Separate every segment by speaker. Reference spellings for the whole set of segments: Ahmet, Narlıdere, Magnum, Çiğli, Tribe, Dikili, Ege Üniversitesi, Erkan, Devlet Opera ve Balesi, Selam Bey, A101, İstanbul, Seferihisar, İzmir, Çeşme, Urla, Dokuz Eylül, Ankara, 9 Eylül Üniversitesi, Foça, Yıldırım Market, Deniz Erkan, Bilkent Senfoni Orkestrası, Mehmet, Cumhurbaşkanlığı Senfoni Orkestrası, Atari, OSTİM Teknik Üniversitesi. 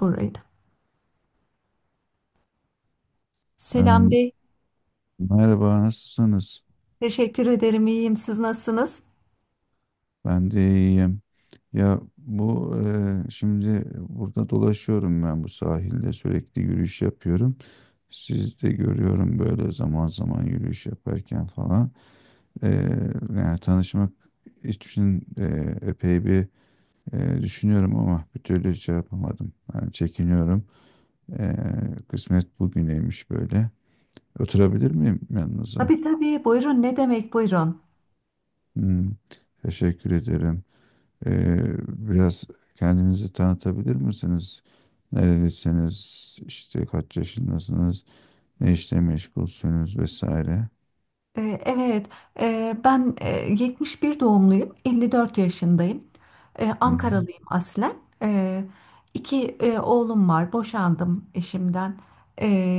Speaker 1: Burayı da. Selam
Speaker 2: Ee,
Speaker 1: Bey,
Speaker 2: Merhaba, nasılsınız?
Speaker 1: teşekkür ederim. İyiyim. Siz nasılsınız?
Speaker 2: Ben de iyiyim. Ya bu şimdi burada dolaşıyorum ben bu sahilde sürekli yürüyüş yapıyorum. Siz de görüyorum böyle zaman zaman yürüyüş yaparken falan. Ee, yani tanışmak için epey bir düşünüyorum ama bir türlü şey yapamadım. Yani çekiniyorum. Ee, kısmet bugüneymiş böyle. Oturabilir miyim yanınıza?
Speaker 1: Tabii tabii. Buyurun. Ne demek buyurun?
Speaker 2: Hmm, teşekkür ederim. Ee, biraz kendinizi tanıtabilir misiniz? Nerelisiniz? İşte kaç yaşındasınız? Ne işle meşgulsünüz vesaire.
Speaker 1: Ee, Evet, Ben 71 doğumluyum, 54 yaşındayım.
Speaker 2: Hı hı.
Speaker 1: Ankaralıyım aslen. Ee, İki oğlum var, boşandım eşimden.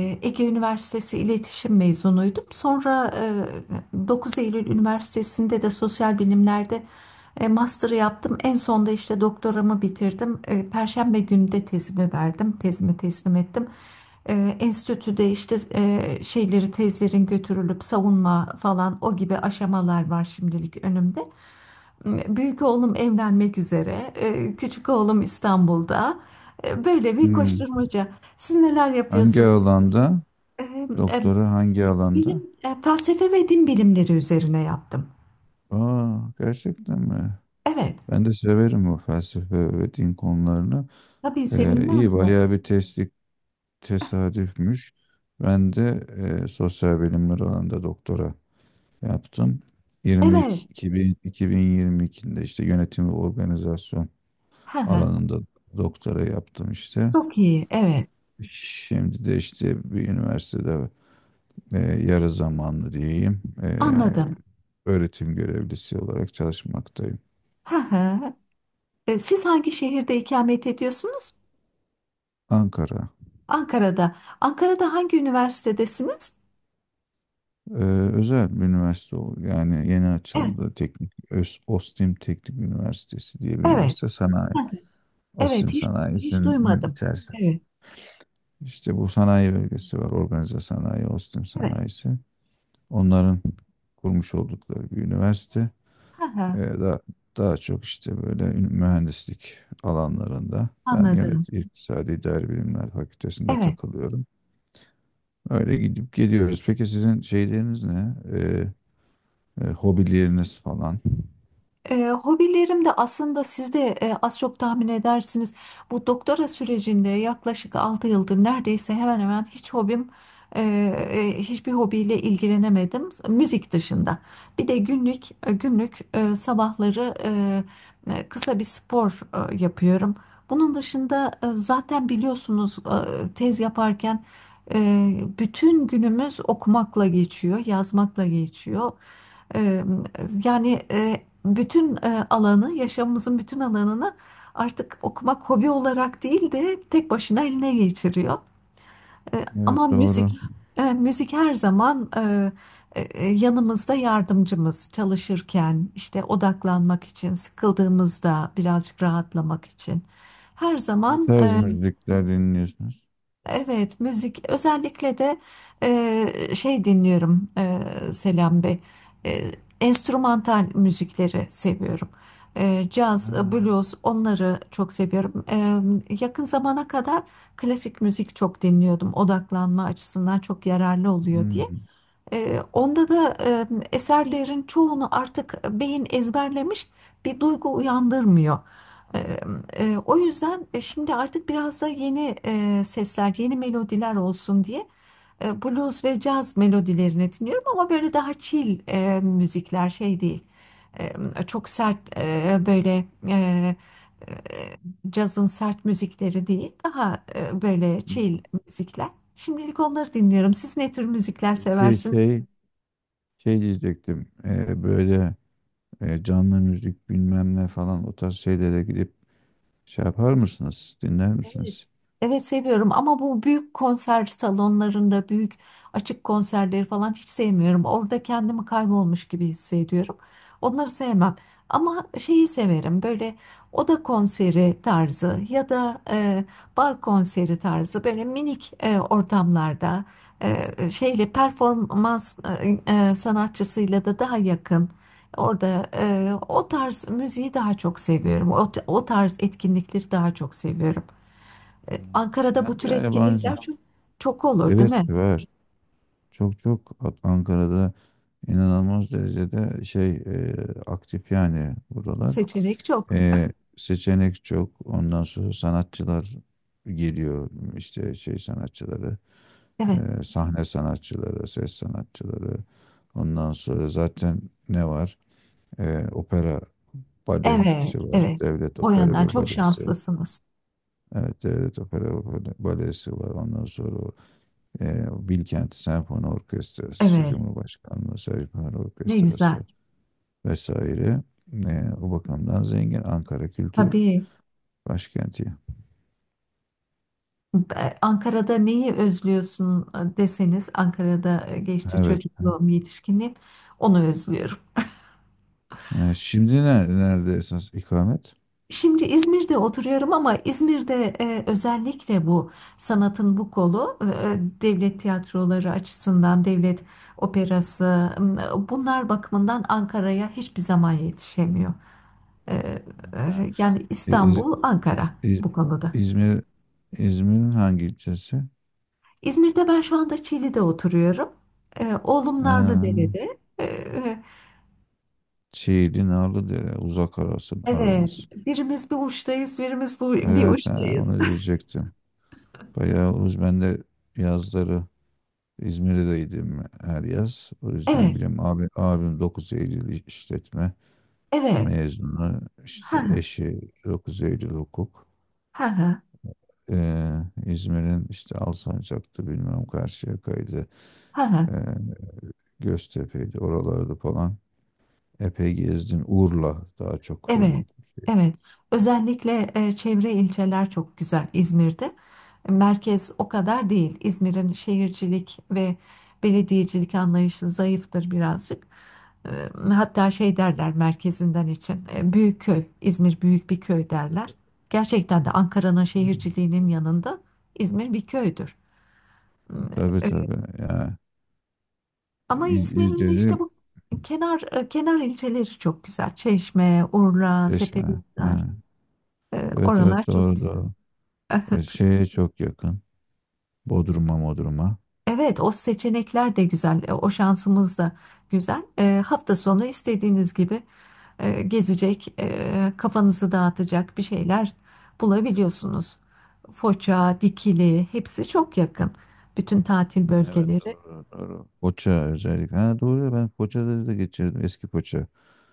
Speaker 2: Hı hı.
Speaker 1: Ege Üniversitesi İletişim mezunuydum. Sonra 9 Eylül Üniversitesi'nde de sosyal bilimlerde master'ı yaptım. En sonda işte doktoramı bitirdim. Perşembe günü de tezimi verdim, tezimi teslim ettim. Enstitüde işte şeyleri tezlerin götürülüp savunma falan o gibi aşamalar var şimdilik önümde. Büyük oğlum evlenmek üzere, küçük oğlum İstanbul'da. Böyle bir
Speaker 2: Hmm.
Speaker 1: koşturmaca. Siz neler
Speaker 2: Hangi
Speaker 1: yapıyorsunuz?
Speaker 2: alanda?
Speaker 1: E, e,
Speaker 2: Doktora hangi
Speaker 1: Bilim,
Speaker 2: alanda?
Speaker 1: felsefe ve din bilimleri üzerine yaptım.
Speaker 2: Aa, gerçekten mi?
Speaker 1: Evet,
Speaker 2: Ben de severim bu felsefe ve din konularını.
Speaker 1: tabii
Speaker 2: İyi
Speaker 1: sevilmez mi?
Speaker 2: bayağı bir teslik tesadüfmüş. Ben de sosyal bilimler alanında doktora yaptım.
Speaker 1: Evet,
Speaker 2: 22, 2000 2022'de işte yönetim ve organizasyon
Speaker 1: hı hı,
Speaker 2: alanında doktora yaptım işte.
Speaker 1: çok iyi, evet,
Speaker 2: Şimdi de işte bir üniversitede yarı zamanlı diyeyim
Speaker 1: anladım.
Speaker 2: öğretim görevlisi olarak çalışmaktayım.
Speaker 1: Hı hı. Siz hangi şehirde ikamet ediyorsunuz?
Speaker 2: Ankara.
Speaker 1: Ankara'da. Ankara'da hangi üniversitedesiniz?
Speaker 2: e, özel bir üniversite, yani yeni
Speaker 1: Evet,
Speaker 2: açıldı, OSTİM Teknik Üniversitesi diye bir
Speaker 1: evet.
Speaker 2: üniversite sanayi.
Speaker 1: Hı hı. Evet,
Speaker 2: OSTİM
Speaker 1: hiç, hiç
Speaker 2: sanayisinin
Speaker 1: duymadım.
Speaker 2: içerisinde.
Speaker 1: Evet,
Speaker 2: İşte bu sanayi bölgesi var. Organize sanayi, Ostim
Speaker 1: evet.
Speaker 2: sanayisi. Onların kurmuş oldukları bir üniversite.
Speaker 1: Hı hı,
Speaker 2: Ve da, daha çok işte böyle mühendislik alanlarında. Ben
Speaker 1: anladım.
Speaker 2: İktisadi İdari Bilimler Fakültesi'nde
Speaker 1: Evet.
Speaker 2: takılıyorum. Öyle gidip geliyoruz. Peki sizin şeyleriniz ne? Hobileriniz falan.
Speaker 1: Hobilerim de aslında siz de az çok tahmin edersiniz. Bu doktora sürecinde yaklaşık 6 yıldır neredeyse hemen hemen hiç hiçbir hobiyle ilgilenemedim. Müzik dışında. Bir de günlük sabahları kısa bir spor yapıyorum. Bunun dışında zaten biliyorsunuz tez yaparken e, bütün günümüz okumakla geçiyor, yazmakla geçiyor. Eee, Yani bütün alanı, yaşamımızın bütün alanını artık okumak hobi olarak değil de tek başına eline geçiriyor. Ama
Speaker 2: Evet,
Speaker 1: müzik,
Speaker 2: doğru.
Speaker 1: müzik her zaman yanımızda yardımcımız çalışırken, işte odaklanmak için, sıkıldığımızda birazcık rahatlamak için. Her
Speaker 2: Ne
Speaker 1: zaman
Speaker 2: tarz müzikler dinliyorsunuz?
Speaker 1: evet, müzik özellikle de şey dinliyorum. Selam Bey. E, Enstrümantal müzikleri seviyorum.
Speaker 2: Ha,
Speaker 1: Caz, blues onları çok seviyorum. Yakın zamana kadar klasik müzik çok dinliyordum. Odaklanma açısından çok yararlı oluyor diye.
Speaker 2: hmm,
Speaker 1: Onda da eserlerin çoğunu artık beyin ezberlemiş bir duygu uyandırmıyor. Ee, O yüzden şimdi artık biraz da yeni sesler, yeni melodiler olsun diye blues ve caz melodilerini dinliyorum ama böyle daha chill müzikler şey değil. Çok sert cazın sert müzikleri değil, daha böyle chill
Speaker 2: hmm.
Speaker 1: müzikler. Şimdilik onları dinliyorum. Siz ne tür müzikler
Speaker 2: Peki
Speaker 1: seversiniz?
Speaker 2: şey. Şey diyecektim, böyle canlı müzik bilmem ne falan o tarz şeylere gidip şey yapar mısınız? Dinler
Speaker 1: Evet,
Speaker 2: misiniz?
Speaker 1: evet seviyorum ama bu büyük konser salonlarında büyük açık konserleri falan hiç sevmiyorum. Orada kendimi kaybolmuş gibi hissediyorum. Onları sevmem. Ama şeyi severim böyle oda konseri tarzı ya da bar konseri tarzı böyle minik ortamlarda şeyle performans sanatçısıyla da daha yakın. Orada o tarz müziği daha çok seviyorum. O tarz etkinlikleri daha çok seviyorum.
Speaker 2: Hmm.
Speaker 1: Ankara'da bu
Speaker 2: Ben de
Speaker 1: tür
Speaker 2: yabancı.
Speaker 1: etkinlikler çok, çok olur, değil
Speaker 2: Evet,
Speaker 1: mi?
Speaker 2: var. Çok çok, Ankara'da inanılmaz derecede şey, aktif yani buralar.
Speaker 1: Seçenek çok.
Speaker 2: E, seçenek çok. Ondan sonra sanatçılar geliyor, işte şey sanatçıları,
Speaker 1: Evet,
Speaker 2: sahne sanatçıları, ses sanatçıları. Ondan sonra zaten ne var? Opera
Speaker 1: evet,
Speaker 2: balesi var.
Speaker 1: evet.
Speaker 2: Devlet
Speaker 1: O
Speaker 2: opera
Speaker 1: yandan
Speaker 2: ve
Speaker 1: çok
Speaker 2: balesi.
Speaker 1: şanslısınız.
Speaker 2: Evet, Devlet Opera ve Balesi var. Ondan sonra o, Bilkent Senfoni Orkestrası, işte
Speaker 1: Evet,
Speaker 2: Cumhurbaşkanlığı Senfoni
Speaker 1: ne
Speaker 2: Orkestrası
Speaker 1: güzel.
Speaker 2: vesaire. O bakımdan zengin Ankara Kültür
Speaker 1: Tabii.
Speaker 2: Başkenti.
Speaker 1: Ankara'da neyi özlüyorsun deseniz, Ankara'da geçti
Speaker 2: Evet.
Speaker 1: çocukluğum, yetişkinliğim, onu özlüyorum.
Speaker 2: Şimdi nerede esas ikamet?
Speaker 1: Şimdi İzmir'de oturuyorum ama İzmir'de özellikle bu sanatın bu kolu devlet tiyatroları açısından devlet operası, bunlar bakımından Ankara'ya hiçbir zaman yetişemiyor. E,
Speaker 2: Ha,
Speaker 1: Yani
Speaker 2: İz-
Speaker 1: İstanbul, Ankara
Speaker 2: İz-
Speaker 1: bu konuda.
Speaker 2: İzmir. İzmir'in hangi ilçesi?
Speaker 1: İzmir'de ben şu anda Çiğli'de oturuyorum. Oğlum
Speaker 2: Ha,
Speaker 1: Narlıdere'de.
Speaker 2: Çiğli, Narlıdere, uzak arasın,
Speaker 1: Evet,
Speaker 2: aranız.
Speaker 1: birimiz bir uçtayız, birimiz bir
Speaker 2: Evet, ha,
Speaker 1: uçtayız.
Speaker 2: onu diyecektim. Bayağı uz. Ben de yazları İzmir'deydim her yaz. O yüzden
Speaker 1: Evet,
Speaker 2: abi, abim dokuz Eylül işletme
Speaker 1: evet.
Speaker 2: mezunu.
Speaker 1: Ha
Speaker 2: İşte
Speaker 1: ha
Speaker 2: eşi dokuz Eylül hukuk.
Speaker 1: ha
Speaker 2: Ee, İzmir'in işte Alsancak'tı bilmem Karşıyaka'ydı.
Speaker 1: ha.
Speaker 2: Ee, Göztepe'ydi, oralarda falan. Epey gezdim. Urla daha çok
Speaker 1: Evet,
Speaker 2: benim.
Speaker 1: evet. Özellikle çevre ilçeler çok güzel İzmir'de. Merkez o kadar değil. İzmir'in şehircilik ve belediyecilik anlayışı zayıftır birazcık. E, Hatta şey derler merkezinden için. Büyük köy, İzmir büyük bir köy derler. Gerçekten de Ankara'nın
Speaker 2: Hmm.
Speaker 1: şehirciliğinin yanında İzmir bir köydür.
Speaker 2: Tabii
Speaker 1: E,
Speaker 2: tabii. Yani,
Speaker 1: Ama İzmir'in de işte
Speaker 2: Dedim
Speaker 1: bu kenar ilçeleri çok güzel. Çeşme, Urla,
Speaker 2: Çeşme.
Speaker 1: Seferihisar,
Speaker 2: Ha. Evet
Speaker 1: oralar
Speaker 2: evet,
Speaker 1: çok
Speaker 2: doğru
Speaker 1: güzel.
Speaker 2: doğru. Şeye çok yakın. Bodrum'a, Bodrum'a.
Speaker 1: Evet, o seçenekler de güzel, o şansımız da güzel. Hafta sonu istediğiniz gibi gezecek, kafanızı dağıtacak bir şeyler bulabiliyorsunuz. Foça, Dikili, hepsi çok yakın. Bütün tatil
Speaker 2: Ha, evet,
Speaker 1: bölgeleri.
Speaker 2: doğru doğru. Foça özellikle. Ha, doğru ya, ben Foça'da da geçirdim. Eski Foça.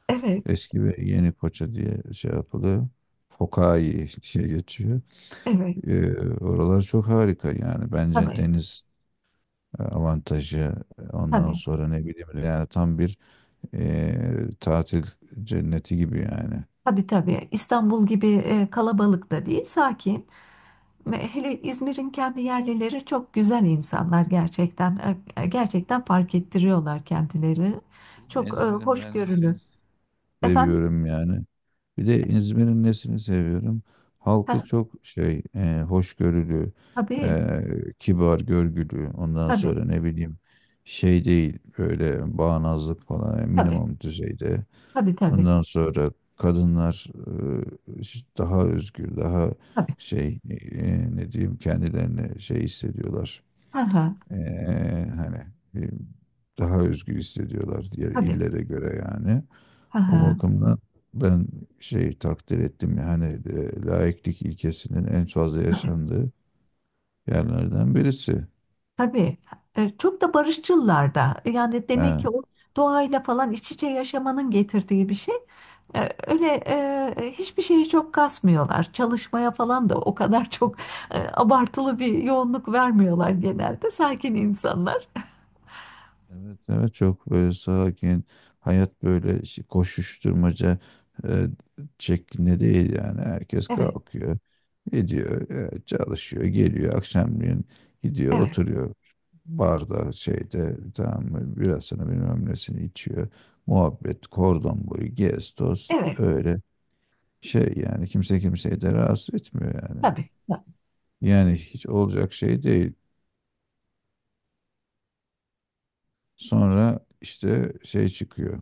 Speaker 1: Evet,
Speaker 2: Eski ve yeni Foça diye şey yapılıyor. Fokai diye geçiyor.
Speaker 1: evet.
Speaker 2: Oralar çok harika yani. Bence
Speaker 1: Tabii,
Speaker 2: deniz avantajı, ondan
Speaker 1: tabii,
Speaker 2: sonra ne bileyim, yani tam bir tatil cenneti gibi yani.
Speaker 1: tabii, tabii. İstanbul gibi kalabalık da değil, sakin. Ve hele İzmir'in kendi yerlileri çok güzel insanlar gerçekten. Gerçekten fark ettiriyorlar kendileri.
Speaker 2: Bir de
Speaker 1: Çok
Speaker 2: İzmir'im, ben de seni
Speaker 1: hoşgörülü. Efendim?
Speaker 2: seviyorum yani. Bir de İzmir'in nesini seviyorum?
Speaker 1: Ha,
Speaker 2: Halkı çok şey, hoşgörülü,
Speaker 1: tabii,
Speaker 2: e, kibar, görgülü. Ondan
Speaker 1: tabii,
Speaker 2: sonra ne bileyim, şey değil böyle, bağnazlık falan yani
Speaker 1: tabii,
Speaker 2: minimum düzeyde.
Speaker 1: tabii, tabii,
Speaker 2: Ondan sonra kadınlar daha özgür, daha
Speaker 1: tabii.
Speaker 2: şey, ne diyeyim, kendilerini şey hissediyorlar.
Speaker 1: Ha, ha,
Speaker 2: E, hani e, daha özgür hissediyorlar diğer
Speaker 1: tabii,
Speaker 2: illere göre yani.
Speaker 1: ha,
Speaker 2: O
Speaker 1: ha.
Speaker 2: bakımdan ben şey takdir ettim yani, laiklik ilkesinin en fazla yaşandığı yerlerden birisi.
Speaker 1: Tabii. Çok da barışçılar da. Yani demek ki
Speaker 2: Ha,
Speaker 1: o doğayla falan iç içe yaşamanın getirdiği bir şey. Öyle hiçbir şeyi çok kasmıyorlar. Çalışmaya falan da o kadar çok abartılı bir yoğunluk vermiyorlar genelde. Sakin insanlar.
Speaker 2: evet evet, çok böyle sakin hayat, böyle koşuşturmaca e, şeklinde değil yani. Herkes
Speaker 1: Evet,
Speaker 2: kalkıyor, gidiyor, çalışıyor, geliyor akşamleyin, gidiyor
Speaker 1: evet,
Speaker 2: oturuyor barda, şeyde, tamam mı, birasını bilmem nesini içiyor, muhabbet, kordon boyu gez toz,
Speaker 1: evet.
Speaker 2: öyle. Şey yani kimse kimseyi de rahatsız etmiyor yani.
Speaker 1: Tabii, tabii.
Speaker 2: Yani hiç olacak şey değil. Sonra işte şey çıkıyor.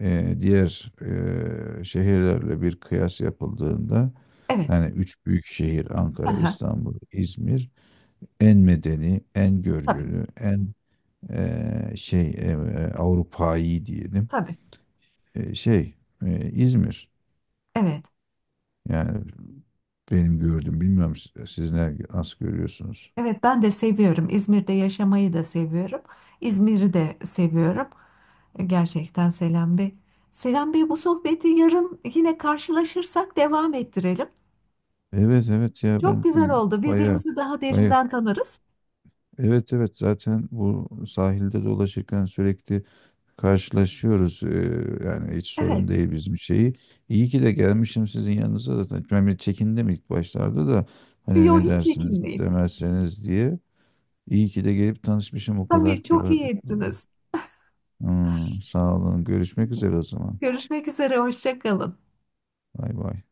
Speaker 2: Diğer şehirlerle bir kıyas yapıldığında,
Speaker 1: Evet.
Speaker 2: hani üç büyük şehir Ankara,
Speaker 1: Aha,
Speaker 2: İstanbul, İzmir en medeni, en
Speaker 1: tabii,
Speaker 2: görgülü, en ee, şey ee, Avrupa'yı diyelim.
Speaker 1: tabii.
Speaker 2: Ee, şey İzmir.
Speaker 1: Evet.
Speaker 2: Yani benim gördüğüm, bilmiyorum siz ne, nasıl görüyorsunuz?
Speaker 1: Evet, ben de seviyorum. İzmir'de yaşamayı da seviyorum. İzmir'i de seviyorum. Gerçekten Selam Bey. Selam Bey bu sohbeti yarın yine karşılaşırsak devam ettirelim.
Speaker 2: Evet evet ya,
Speaker 1: Çok
Speaker 2: ben
Speaker 1: güzel oldu.
Speaker 2: baya
Speaker 1: Birbirimizi daha
Speaker 2: baya,
Speaker 1: derinden tanırız.
Speaker 2: evet evet, zaten bu sahilde dolaşırken sürekli karşılaşıyoruz. Yani hiç sorun
Speaker 1: Evet.
Speaker 2: değil bizim şeyi. İyi ki de gelmişim sizin yanınıza zaten. Ben bir çekindim ilk başlarda da, hani
Speaker 1: Yok
Speaker 2: ne
Speaker 1: hiç
Speaker 2: dersiniz,
Speaker 1: çekinmeyin.
Speaker 2: demezseniz diye. İyi ki de gelip tanışmışım, o kadar
Speaker 1: Tabii
Speaker 2: ki.
Speaker 1: çok iyi ettiniz.
Speaker 2: Hmm, sağ olun. Görüşmek üzere o zaman.
Speaker 1: Görüşmek üzere. Hoşça kalın.
Speaker 2: Bay bay.